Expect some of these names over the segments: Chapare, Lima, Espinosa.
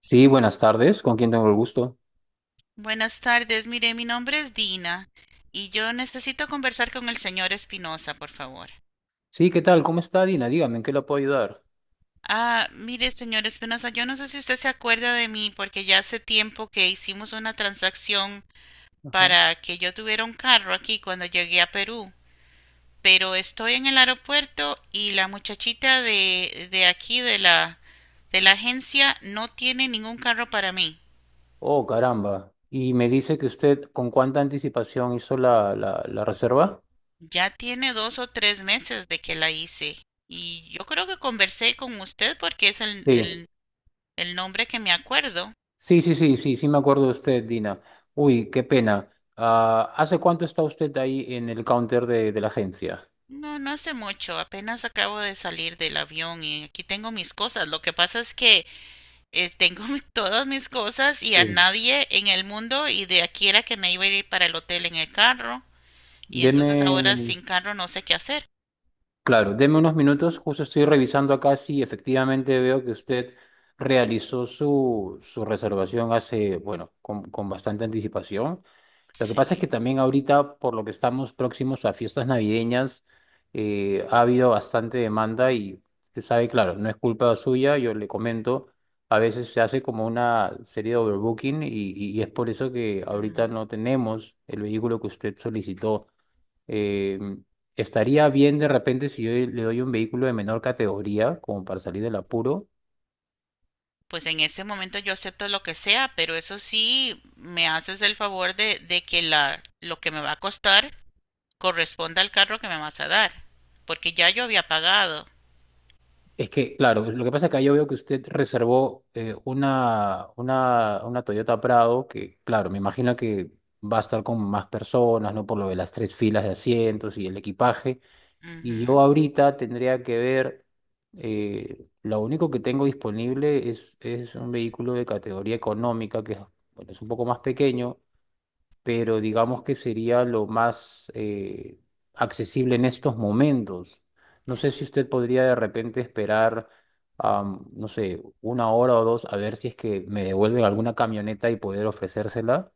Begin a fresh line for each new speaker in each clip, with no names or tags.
Sí, buenas tardes. ¿Con quién tengo el gusto?
Buenas tardes, mire, mi nombre es Dina y yo necesito conversar con el señor Espinosa, por favor.
Sí, ¿qué tal? ¿Cómo está, Dina? Dígame, ¿en qué la puedo ayudar?
Ah, mire, señor Espinosa, yo no sé si usted se acuerda de mí porque ya hace tiempo que hicimos una transacción
Ajá.
para que yo tuviera un carro aquí cuando llegué a Perú, pero estoy en el aeropuerto y la muchachita de aquí de la agencia no tiene ningún carro para mí.
Oh, caramba. Y me dice que usted con cuánta anticipación hizo la reserva.
Ya tiene 2 o 3 meses de que la hice y yo creo que conversé con usted porque es el,
Sí,
el, el nombre que me acuerdo.
sí, sí, sí, sí, sí me acuerdo de usted, Dina. Uy, qué pena. Ah, ¿hace cuánto está usted ahí en el counter de la agencia?
No, no hace mucho, apenas acabo de salir del avión y aquí tengo mis cosas. Lo que pasa es que tengo todas mis cosas y a
Sí.
nadie en el mundo y de aquí era que me iba a ir para el hotel en el carro y
Deme.
entonces ahora sin carro no sé qué hacer.
Claro, deme unos minutos, justo estoy revisando acá si efectivamente veo que usted realizó su reservación hace, bueno, con bastante anticipación. Lo que pasa es que
Sí.
también ahorita, por lo que estamos próximos a fiestas navideñas, ha habido bastante demanda y usted sabe, claro, no es culpa suya, yo le comento, a veces se hace como una serie de overbooking y es por eso que ahorita no tenemos el vehículo que usted solicitó. Eh, Estaría bien de repente si yo le doy un vehículo de menor categoría, como para salir del apuro.
Pues en ese momento yo acepto lo que sea, pero eso sí, me haces el favor de que lo que me va a costar corresponda al carro que me vas a dar, porque ya yo había pagado.
Es que, claro, lo que pasa es que yo veo que usted reservó una Toyota Prado, que, claro, me imagino que va a estar con más personas, ¿no? Por lo de las tres filas de asientos y el equipaje. Y yo
Ujú.
ahorita tendría que ver, lo único que tengo disponible es un vehículo de categoría económica, que es bueno, es un poco más pequeño pero digamos que sería lo más accesible en estos momentos. No sé si usted podría de repente esperar, no sé, una hora o dos a ver si es que me devuelven alguna camioneta y poder ofrecérsela.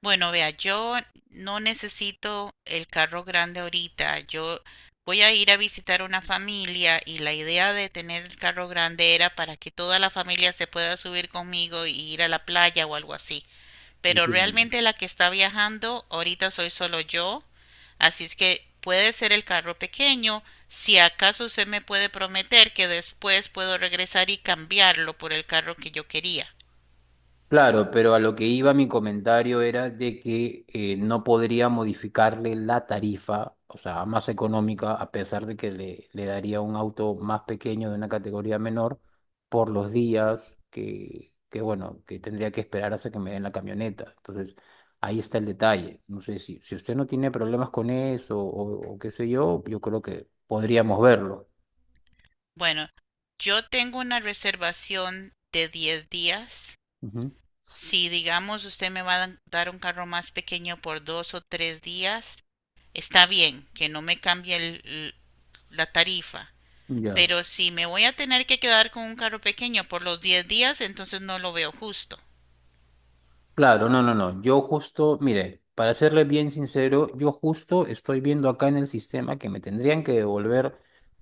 Bueno, vea, yo no necesito el carro grande ahorita, yo voy a ir a visitar una familia y la idea de tener el carro grande era para que toda la familia se pueda subir conmigo y ir a la playa o algo así, pero
Entiendo.
realmente la que está viajando ahorita soy solo yo, así es que puede ser el carro pequeño, si acaso usted me puede prometer que después puedo regresar y cambiarlo por el carro que yo quería.
Claro, pero a lo que iba mi comentario era de que no podría modificarle la tarifa, o sea, más económica, a pesar de que le daría un auto más pequeño de una categoría menor por los días que, bueno, que tendría que esperar hasta que me den la camioneta. Entonces, ahí está el detalle. No sé si usted no tiene problemas con eso o qué sé yo, yo creo que podríamos verlo.
Bueno, yo tengo una reservación de 10 días.
Ujú.
Si digamos usted me va a dar un carro más pequeño por 2 o 3 días, está bien, que no me cambie la tarifa,
Ya.
pero si me voy a tener que quedar con un carro pequeño por los 10 días, entonces no lo veo justo.
Claro, no, no, no. Yo justo, mire, para serle bien sincero, yo justo estoy viendo acá en el sistema que me tendrían que devolver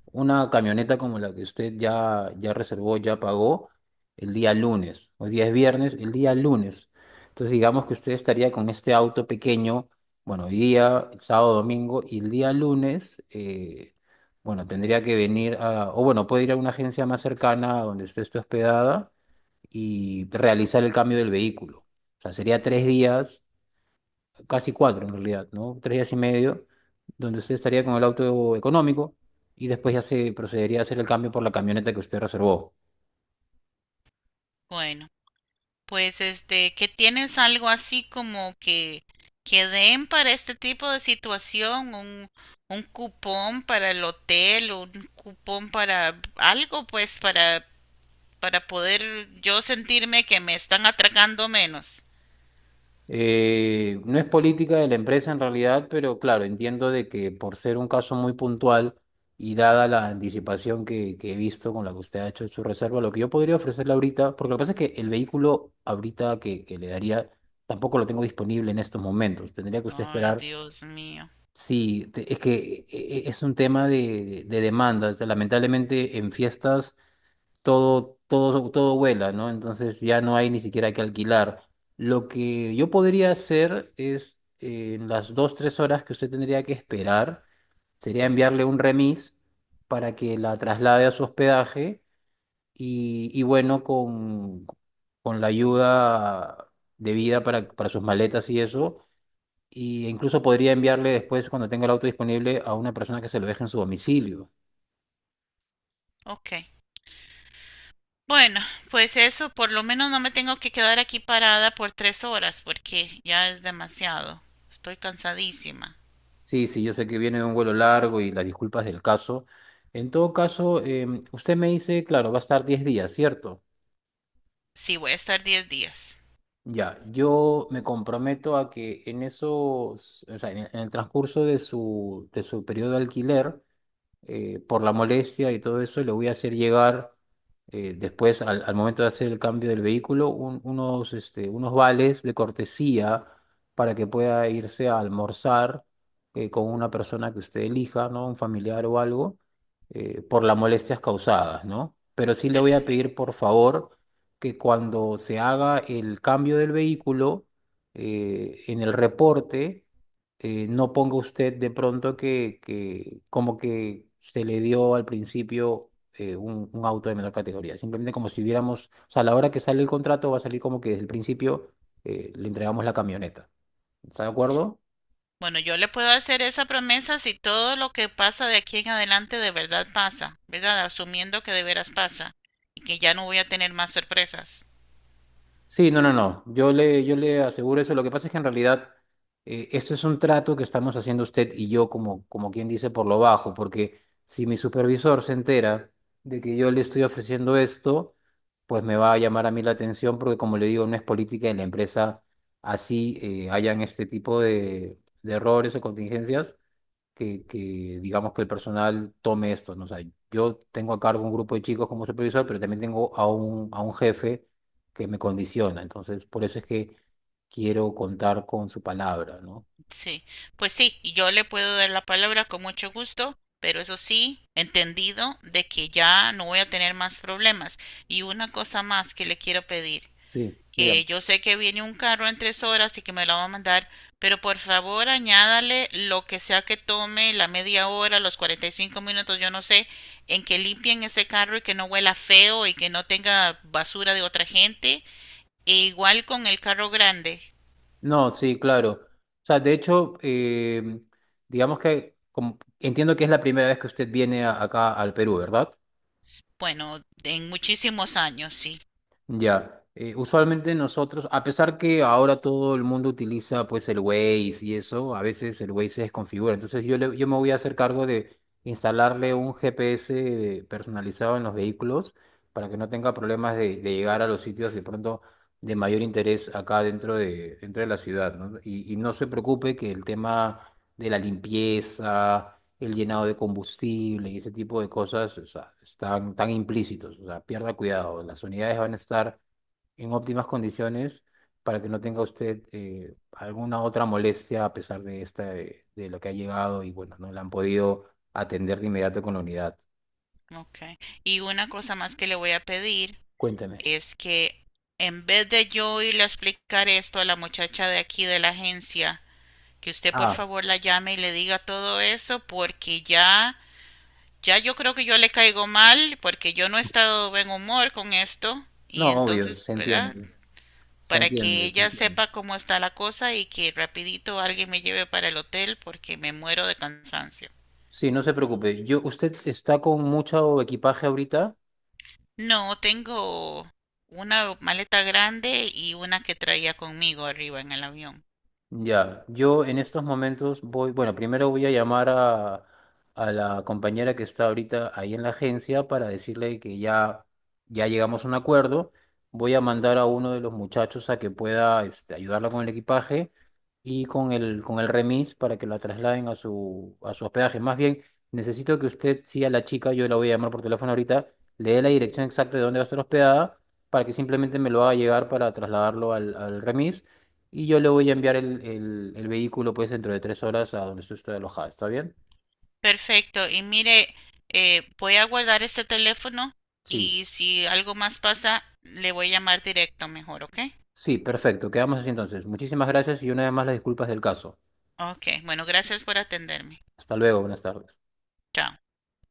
una camioneta como la que usted ya reservó, ya pagó el día lunes. Hoy día es viernes, el día lunes. Entonces, digamos que usted estaría con este auto pequeño, bueno, hoy día, el sábado, domingo, y el día lunes, bueno, tendría que venir a, o bueno, puede ir a una agencia más cercana a donde usted esté hospedada y realizar el cambio del vehículo. O sea, sería 3 días, casi cuatro en realidad, ¿no? 3 días y medio, donde usted estaría con el auto económico y después ya se procedería a hacer el cambio por la camioneta que usted reservó.
Bueno, pues este, ¿qué tienes algo así como que den para este tipo de situación, un cupón para el hotel, un cupón para algo, pues para poder yo sentirme que me están atracando menos?
No es política de la empresa en realidad, pero claro, entiendo de que por ser un caso muy puntual y dada la anticipación que he visto con la que usted ha hecho su reserva, lo que yo podría ofrecerle ahorita, porque lo que pasa es que el vehículo ahorita que le daría tampoco lo tengo disponible en estos momentos, tendría que usted
Ay,
esperar.
Dios mío.
Sí, es que es un tema de demanda, o sea, lamentablemente en fiestas todo, todo, todo vuela, ¿no? Entonces ya no hay ni siquiera que alquilar. Lo que yo podría hacer es, en las dos, tres horas que usted tendría que esperar, sería
Ujú.
enviarle un remis para que la traslade a su hospedaje y bueno, con la ayuda debida para sus maletas y eso. Y incluso podría enviarle después, cuando tenga el auto disponible, a una persona que se lo deje en su domicilio.
Ok. Bueno, pues eso, por lo menos no me tengo que quedar aquí parada por 3 horas porque ya es demasiado. Estoy cansadísima.
Sí, sí, yo sé que viene de un vuelo largo y las disculpas del caso. En todo caso, usted me dice, claro, va a estar 10 días, ¿cierto?
Sí, voy a estar 10 días.
Ya, yo me comprometo a que en esos, o sea, en el transcurso de su periodo de alquiler, por la molestia y todo eso, le voy a hacer llegar después, al momento de hacer el cambio del vehículo, unos vales de cortesía para que pueda irse a almorzar con una persona que usted elija, ¿no? Un familiar o algo, por las molestias causadas, ¿no? Pero sí le voy a
Perfecto.
pedir, por favor, que cuando se haga el cambio del vehículo, en el reporte, no ponga usted de pronto que como que se le dio al principio un auto de menor categoría. Simplemente como si hubiéramos, o sea, a la hora que sale el contrato va a salir como que desde el principio le entregamos la camioneta. ¿Está de acuerdo?
Bueno, yo le puedo hacer esa promesa si todo lo que pasa de aquí en adelante de verdad pasa, ¿verdad? Asumiendo que de veras pasa y que ya no voy a tener más sorpresas.
Sí, no, no, no. Yo le aseguro eso. Lo que pasa es que en realidad esto es un trato que estamos haciendo usted y yo, como, como quien dice, por lo bajo, porque si mi supervisor se entera de que yo le estoy ofreciendo esto, pues me va a llamar a mí la atención, porque como le digo, no es política de la empresa así hayan este tipo de errores o contingencias que digamos que el personal tome esto, ¿no? O sea, yo tengo a cargo un grupo de chicos como supervisor, pero también tengo a un jefe que me condiciona. Entonces, por eso es que quiero contar con su palabra, ¿no?
Sí, pues sí, y yo le puedo dar la palabra con mucho gusto, pero eso sí, entendido de que ya no voy a tener más problemas. Y una cosa más que le quiero pedir,
Sí, dígame.
que yo sé que viene un carro en 3 horas y que me lo va a mandar, pero por favor añádale lo que sea que tome, la media hora, los 45 minutos, yo no sé, en que limpien ese carro y que no huela feo y que no tenga basura de otra gente. E igual con el carro grande,
No, sí, claro. O sea, de hecho, digamos que entiendo que es la primera vez que usted viene acá al Perú, ¿verdad?
bueno, en muchísimos años, sí.
Ya, usualmente nosotros, a pesar que ahora todo el mundo utiliza pues el Waze y eso, a veces el Waze se desconfigura. Entonces yo me voy a hacer cargo de instalarle un GPS personalizado en los vehículos para que no tenga problemas de llegar a los sitios de pronto de mayor interés acá dentro de la ciudad, ¿no? Y no se preocupe que el tema de la limpieza el llenado de combustible y ese tipo de cosas, o sea, están tan implícitos, o sea, pierda cuidado, las unidades van a estar en óptimas condiciones para que no tenga usted alguna otra molestia a pesar de esta, de lo que ha llegado y bueno, no la han podido atender de inmediato con la unidad.
Okay. Y una cosa más que le voy a pedir
Cuénteme.
es que en vez de yo irle a explicar esto a la muchacha de aquí de la agencia, que usted por
Ah,
favor la llame y le diga todo eso porque ya yo creo que yo le caigo mal porque yo no he estado de buen humor con esto y
no, obvio,
entonces,
se
¿verdad?
entiende, se
Para que
entiende, se
ella
entiende.
sepa cómo está la cosa y que rapidito alguien me lleve para el hotel porque me muero de cansancio.
Sí, no se preocupe. Yo, ¿usted está con mucho equipaje ahorita?
No, tengo una maleta grande y una que traía conmigo arriba en el avión.
Ya, yo en estos momentos voy, bueno, primero voy a llamar a la compañera que está ahorita ahí en la agencia para decirle que ya llegamos a un acuerdo. Voy a mandar a uno de los muchachos a que pueda ayudarla con el equipaje y con el remis para que la trasladen a su hospedaje. Más bien, necesito que usted, sí, a la chica, yo la voy a llamar por teléfono ahorita, le dé la dirección exacta de dónde va a estar hospedada para que simplemente me lo haga llegar para trasladarlo al remis y yo le voy a enviar el vehículo pues dentro de 3 horas a donde estoy alojada. ¿Está bien?
Perfecto. Y mire, voy a guardar este teléfono
Sí,
y si algo más pasa, le voy a llamar directo mejor, ¿ok?
sí, perfecto. Quedamos así entonces. Muchísimas gracias y una vez más las disculpas del caso.
Ok, bueno, gracias por atenderme.
Hasta luego, buenas tardes.
Chao.